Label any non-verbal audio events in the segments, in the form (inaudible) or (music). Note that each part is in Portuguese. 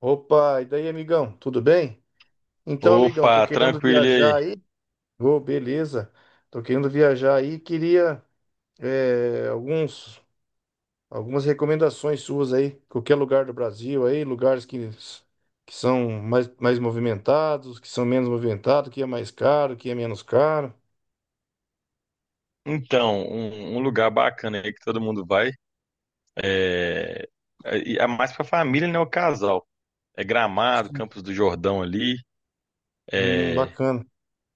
Opa, e daí, amigão? Tudo bem? Então, amigão, tô Opa, querendo tranquilo e aí. viajar aí. Ô, beleza. Tô querendo viajar aí. Queria é, alguns, algumas recomendações suas aí. Qualquer lugar do Brasil aí, lugares que são mais movimentados, que são menos movimentados, que é mais caro, que é menos caro. Então, um lugar bacana aí que todo mundo vai é, é mais pra família, né? O casal. É Gramado, Sim. Campos do Jordão ali. É, Bacana.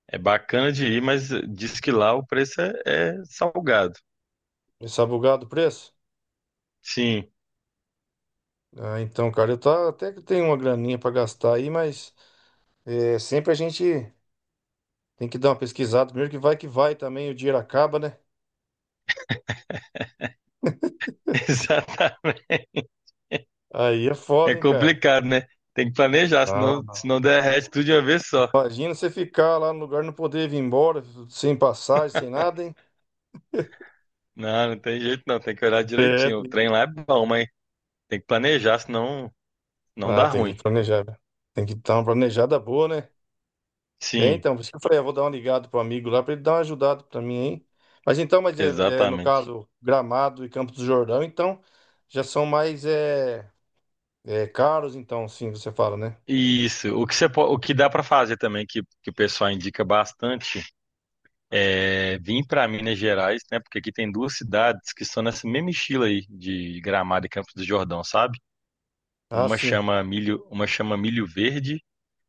é bacana de ir, mas diz que lá o preço é salgado. Esse abogado preço? Sim, Ah, então, cara, eu tá, até que tenho uma graninha pra gastar aí, mas sempre a gente. Tem que dar uma pesquisada primeiro, que vai também, o dinheiro acaba, né? (laughs) exatamente. Aí é É foda, hein, cara? complicado, né? Tem que planejar, Não, senão, não. senão derrete tudo de uma vez só. Imagina você ficar lá no lugar e não poder vir embora, sem passagem, sem nada, hein? Não, não tem jeito não, tem que olhar É. direitinho. O tem- trem lá é bom, mas tem que planejar, senão não Ah, dá tem que ruim. planejar, né? Tem que dar uma planejada boa, né? É, Sim. então, por isso que eu falei, eu vou dar uma ligada pro amigo lá pra ele dar uma ajudada pra mim, hein? Mas então, mas no Exatamente. caso, Gramado e Campos do Jordão, então, já são mais caros, então, sim, você fala, né? Isso. O que dá para fazer também, que o pessoal indica bastante, é vir para Minas Gerais, né? Porque aqui tem duas cidades que são nessa mesma estilo aí de Gramado e Campos do Jordão, sabe? Ah, sim. Uma chama Milho Verde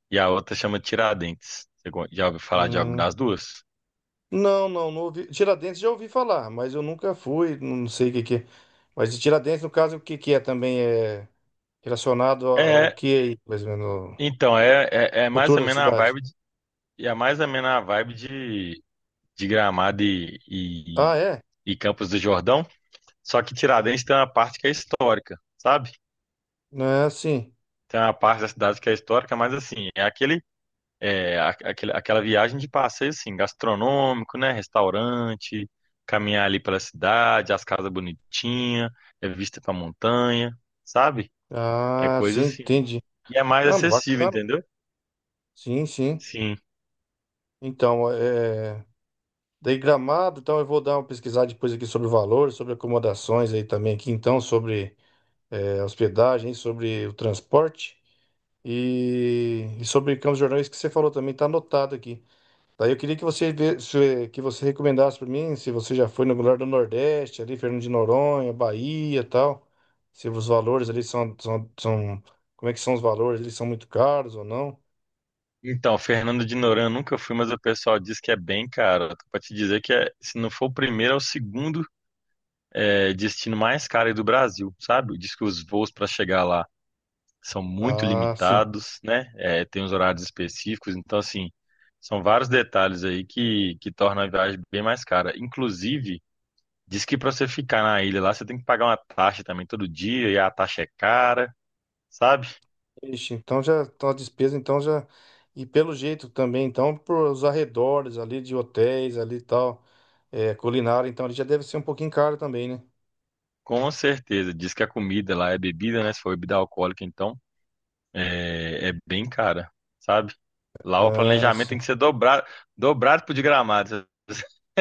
e a outra chama Tiradentes. Já ouviu falar de alguma Hum. das duas? Não, não, não ouvi. Tiradentes já ouvi falar, mas eu nunca fui, não sei o que que é. Mas de Tiradentes, no caso, o que que é também é relacionado ao É, que é, aí, mais ou menos, então, é mais cultura ou da menos a cidade. vibe de, é mais ou menos a vibe de, de Gramado e, Ah, e, é? e Campos do Jordão. Só que Tiradentes tem uma parte que é histórica, sabe? É, sim. Tem uma parte da cidade que é histórica, mas assim, é aquele, aquela viagem de passeio, assim, gastronômico, né? Restaurante, caminhar ali pela cidade, as casas bonitinhas, é vista pra montanha, sabe? É Ah, coisa sim, assim. entendi. E é mais Não, mas acessível, bacana. entendeu? Sim, sim. Sim. Então, é... Daí Gramado, então eu vou dar uma pesquisada depois aqui sobre o valor, sobre acomodações aí também aqui, então, sobre hospedagem, sobre o transporte e sobre Campos Jordães que você falou também, tá anotado aqui. Daí eu queria que você recomendasse para mim, se você já foi no lugar do Nordeste, ali, Fernando de Noronha, Bahia, e tal. Se os valores ali são, são, são- Como é que são os valores? Eles são muito caros ou não? Então, Fernando de Noronha eu nunca fui, mas o pessoal diz que é bem caro. Pra te dizer que se não for o primeiro, é o segundo destino mais caro aí do Brasil, sabe? Diz que os voos para chegar lá são muito Ah, sim. limitados, né? É, tem os horários específicos, então assim, são vários detalhes aí que tornam a viagem bem mais cara. Inclusive, diz que para você ficar na ilha lá, você tem que pagar uma taxa também todo dia, e a taxa é cara, sabe? Ixi, então já a despesa então já e pelo jeito também, então por os arredores ali de hotéis ali e tal, culinária, então ele já deve ser um pouquinho caro também, né? Com certeza, diz que a comida lá é bebida, né? Se for bebida alcoólica, então é bem cara, sabe? Lá o Ah, planejamento tem que ser dobrado, dobrado pro de Gramado.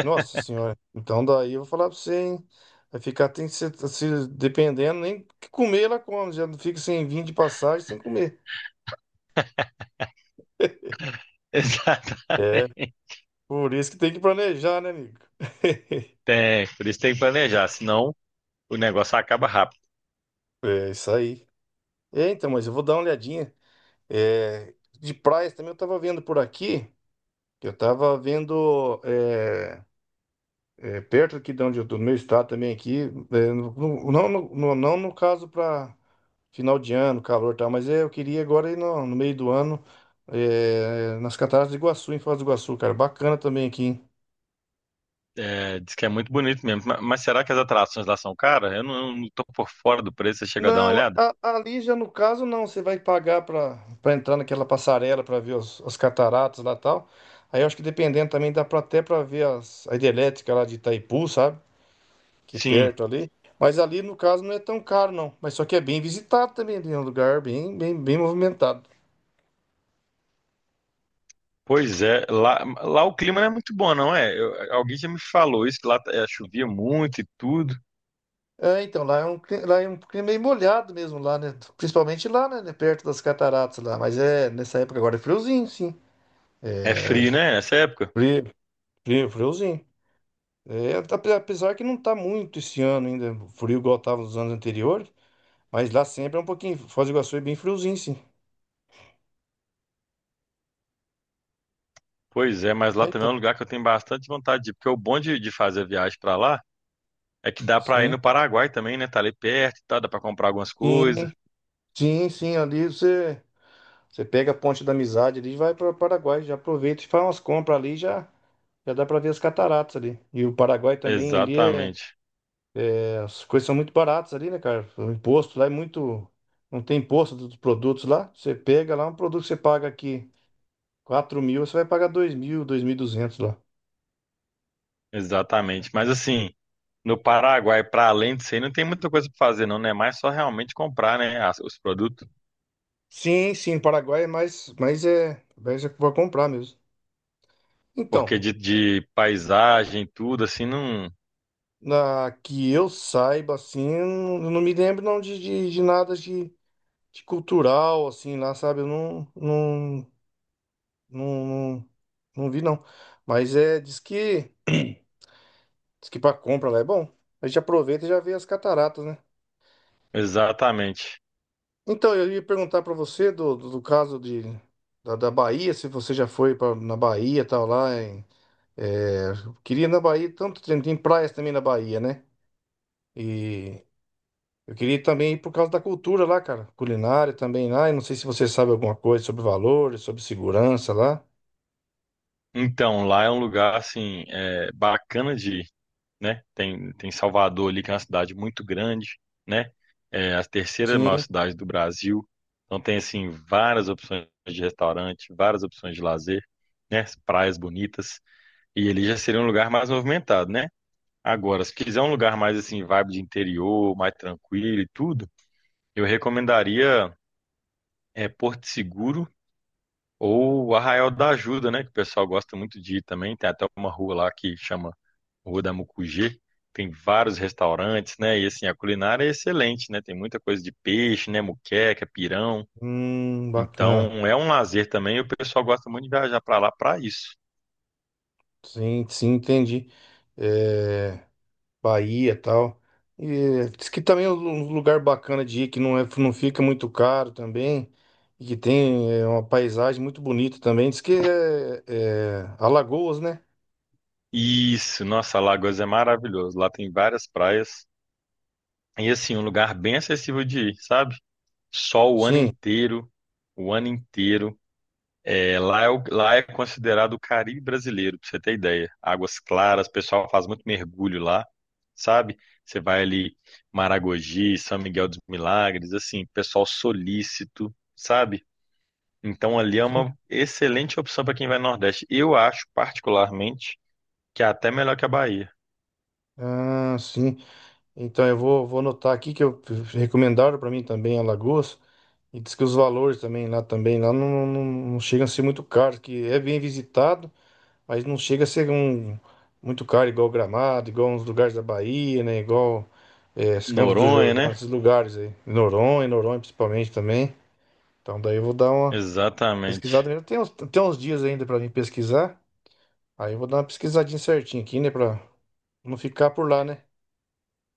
Nossa Senhora. Então daí eu vou falar pra você, hein? Vai ficar, tem que ser, se, dependendo, nem que comer ela come, já não fica sem vinho de passagem, sem comer. (laughs) É, Exatamente. por isso que tem que planejar, né, amigo? (laughs) É, por isso tem que planejar, senão o negócio acaba rápido. É, isso aí. É, então, mas eu vou dar uma olhadinha. É, de praias também eu tava vendo por aqui, eu tava vendo. É, É, perto aqui de onde eu tô, no meu estado também aqui, não no caso para final de ano, calor e tal, mas é, eu queria agora ir no meio do ano nas Cataratas de Iguaçu, em Foz do Iguaçu, cara, bacana também aqui, hein? É, diz que é muito bonito mesmo, mas será que as atrações lá são caras? Eu não tô por fora do preço, você chegou a dar uma olhada? Ali já no caso não, você vai pagar para entrar naquela passarela para ver as cataratas lá e tal. Aí eu acho que dependendo também dá para ver a hidrelétrica lá de Itaipu, sabe? Que Sim, perto ali. Mas ali, no caso, não é tão caro, não. Mas só que é bem visitado também, ali é um lugar bem movimentado. pois é. Lá o clima não é muito bom, não é? Alguém já me falou isso, que lá chovia muito e tudo. Lá é um clima meio molhado mesmo, lá, né? Principalmente lá, né? Perto das cataratas lá. Mas é, nessa época agora é friozinho, sim. É É, frio, né, nessa época? frio, frio, friozinho. Apesar que não tá muito esse ano ainda, frio igual tava nos anos anteriores. Mas lá sempre é um pouquinho, Foz do Iguaçu é bem friozinho, sim. Pois é, mas É, lá também então, é um lugar que eu tenho bastante vontade de ir, porque o bom de fazer a viagem pra lá é que dá pra ir sim. no Paraguai também, né? Tá ali perto e tal, dá pra comprar algumas Sim, coisas. sim, sim, ali você. Você pega a Ponte da Amizade ali e vai para o Paraguai. Já aproveita e faz umas compras ali, já, já dá para ver as cataratas ali. E o Paraguai também ali, Exatamente. As coisas são muito baratas ali, né, cara? O imposto lá é muito. Não tem imposto dos produtos lá. Você pega lá um produto que você paga aqui 4.000, você vai pagar 2.000, 2.200 lá. Exatamente. Mas assim, no Paraguai, para além disso aí, não tem muita coisa para fazer, não, né? É mais só realmente comprar, né, os produtos. Sim, sim, Paraguai é mais é para comprar mesmo. Então, Porque de paisagem, tudo, assim, não. na, que eu saiba assim, eu não me lembro não de nada de de cultural, assim, lá, sabe? Eu não, não, não, não, não vi, não. Mas é, diz que pra compra lá é bom. A gente aproveita e já vê as cataratas, né? Exatamente. Então, eu ia perguntar pra você do caso de, da Bahia, se você já foi pra, na Bahia e tal, lá em, é, eu queria ir na Bahia, tanto tem, tem praias também na Bahia, né? E eu queria também ir por causa da cultura lá, cara, culinária também lá, e não sei se você sabe alguma coisa sobre valores, sobre segurança lá. Então, lá é um lugar, assim, bacana de ir, né? Tem Salvador ali, que é uma cidade muito grande, né? É a terceira maior Sim. cidade do Brasil. Então, tem, assim, várias opções de restaurante, várias opções de lazer, né? Praias bonitas. E ele já seria um lugar mais movimentado, né? Agora, se quiser um lugar mais assim, vibe de interior, mais tranquilo e tudo, eu recomendaria Porto Seguro ou Arraial da Ajuda, né? Que o pessoal gosta muito de ir também. Tem até uma rua lá que chama Rua da Mucugê. Tem vários restaurantes, né? E assim, a culinária é excelente, né? Tem muita coisa de peixe, né? Muqueca, pirão. Bacana. Então, é um lazer também. E o pessoal gosta muito de viajar para lá para isso. Sim, sim, entendi. É, Bahia e tal. E diz que também é um lugar bacana de ir, que não é, não fica muito caro também, e que tem uma paisagem muito bonita também. Diz que é Alagoas, né? Isso, nossa, Alagoas é maravilhoso. Lá tem várias praias. E assim, um lugar bem acessível de ir, sabe? Sol o ano Sim. inteiro, o ano inteiro. Lá é considerado o Caribe brasileiro, pra você ter ideia. Águas claras, o pessoal faz muito mergulho lá, sabe? Você vai ali, Maragogi, São Miguel dos Milagres, assim, pessoal solícito, sabe? Então ali é uma excelente opção para quem vai no Nordeste. Eu acho, particularmente, que é até melhor que a Bahia. Ah, sim. Então eu vou, vou anotar aqui que eu recomendaram para mim também Alagoas. E diz que os valores também lá não, não, não chegam a ser muito caros, que é bem visitado. Mas não chega a ser um muito caro, igual Gramado, igual uns lugares da Bahia, né? Igual os Campos do Noronha, Jordão, né? esses lugares aí. Noronha, Noronha principalmente também. Então daí eu vou dar uma pesquisada Exatamente. mesmo. Tem uns dias ainda pra mim pesquisar. Aí eu vou dar uma pesquisadinha certinha aqui, né? Pra não ficar por lá, né?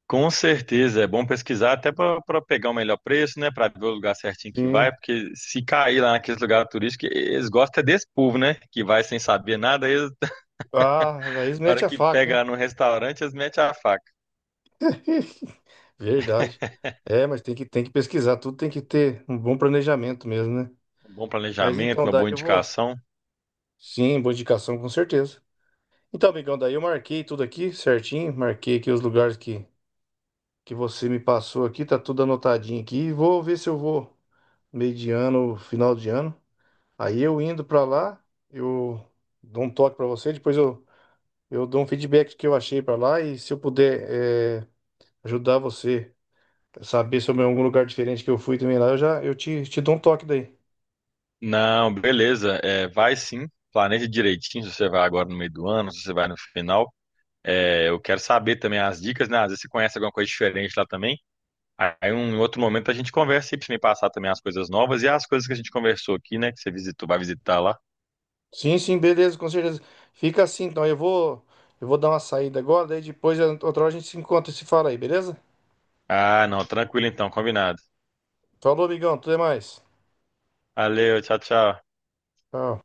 Com certeza, é bom pesquisar até para pegar o melhor preço, né? Para ver o lugar certinho que Sim. vai, porque se cair lá naqueles lugares turísticos, eles gostam é desse povo, né? Que vai sem saber nada, eles, (laughs) Ah, daí na mete hora a que faca, hein? pega no restaurante, eles metem a faca. (laughs) Verdade. É, mas tem que pesquisar, tudo tem que ter um bom planejamento mesmo, né? Um bom Mas planejamento, então, uma daí boa eu vou. indicação. Sim, boa indicação, com certeza. Então, amigão, daí eu marquei tudo aqui certinho, marquei aqui os lugares que você me passou aqui, tá tudo anotadinho aqui. Vou ver se eu vou meio de ano, final de ano. Aí eu indo pra lá, eu dou um toque pra você, eu dou um feedback do que eu achei pra lá e se eu puder eh, ajudar você a saber sobre algum lugar diferente que eu fui também lá, eu já te dou um toque daí. Não, beleza, é, vai sim, planeja direitinho se você vai agora no meio do ano, se você vai no final. É, eu quero saber também as dicas, né? Às vezes você conhece alguma coisa diferente lá também. Aí um em outro momento a gente conversa e pra você me passar também as coisas novas e as coisas que a gente conversou aqui, né? Que você visitou, vai visitar lá. Sim, sim, beleza, com certeza. Fica assim, então eu vou dar uma saída agora, daí depois outra hora a gente se encontra e se fala aí, beleza? Ah, não, tranquilo então, combinado. Falou, amigão. Tudo é mais. Valeu, tchau, tchau. Tchau.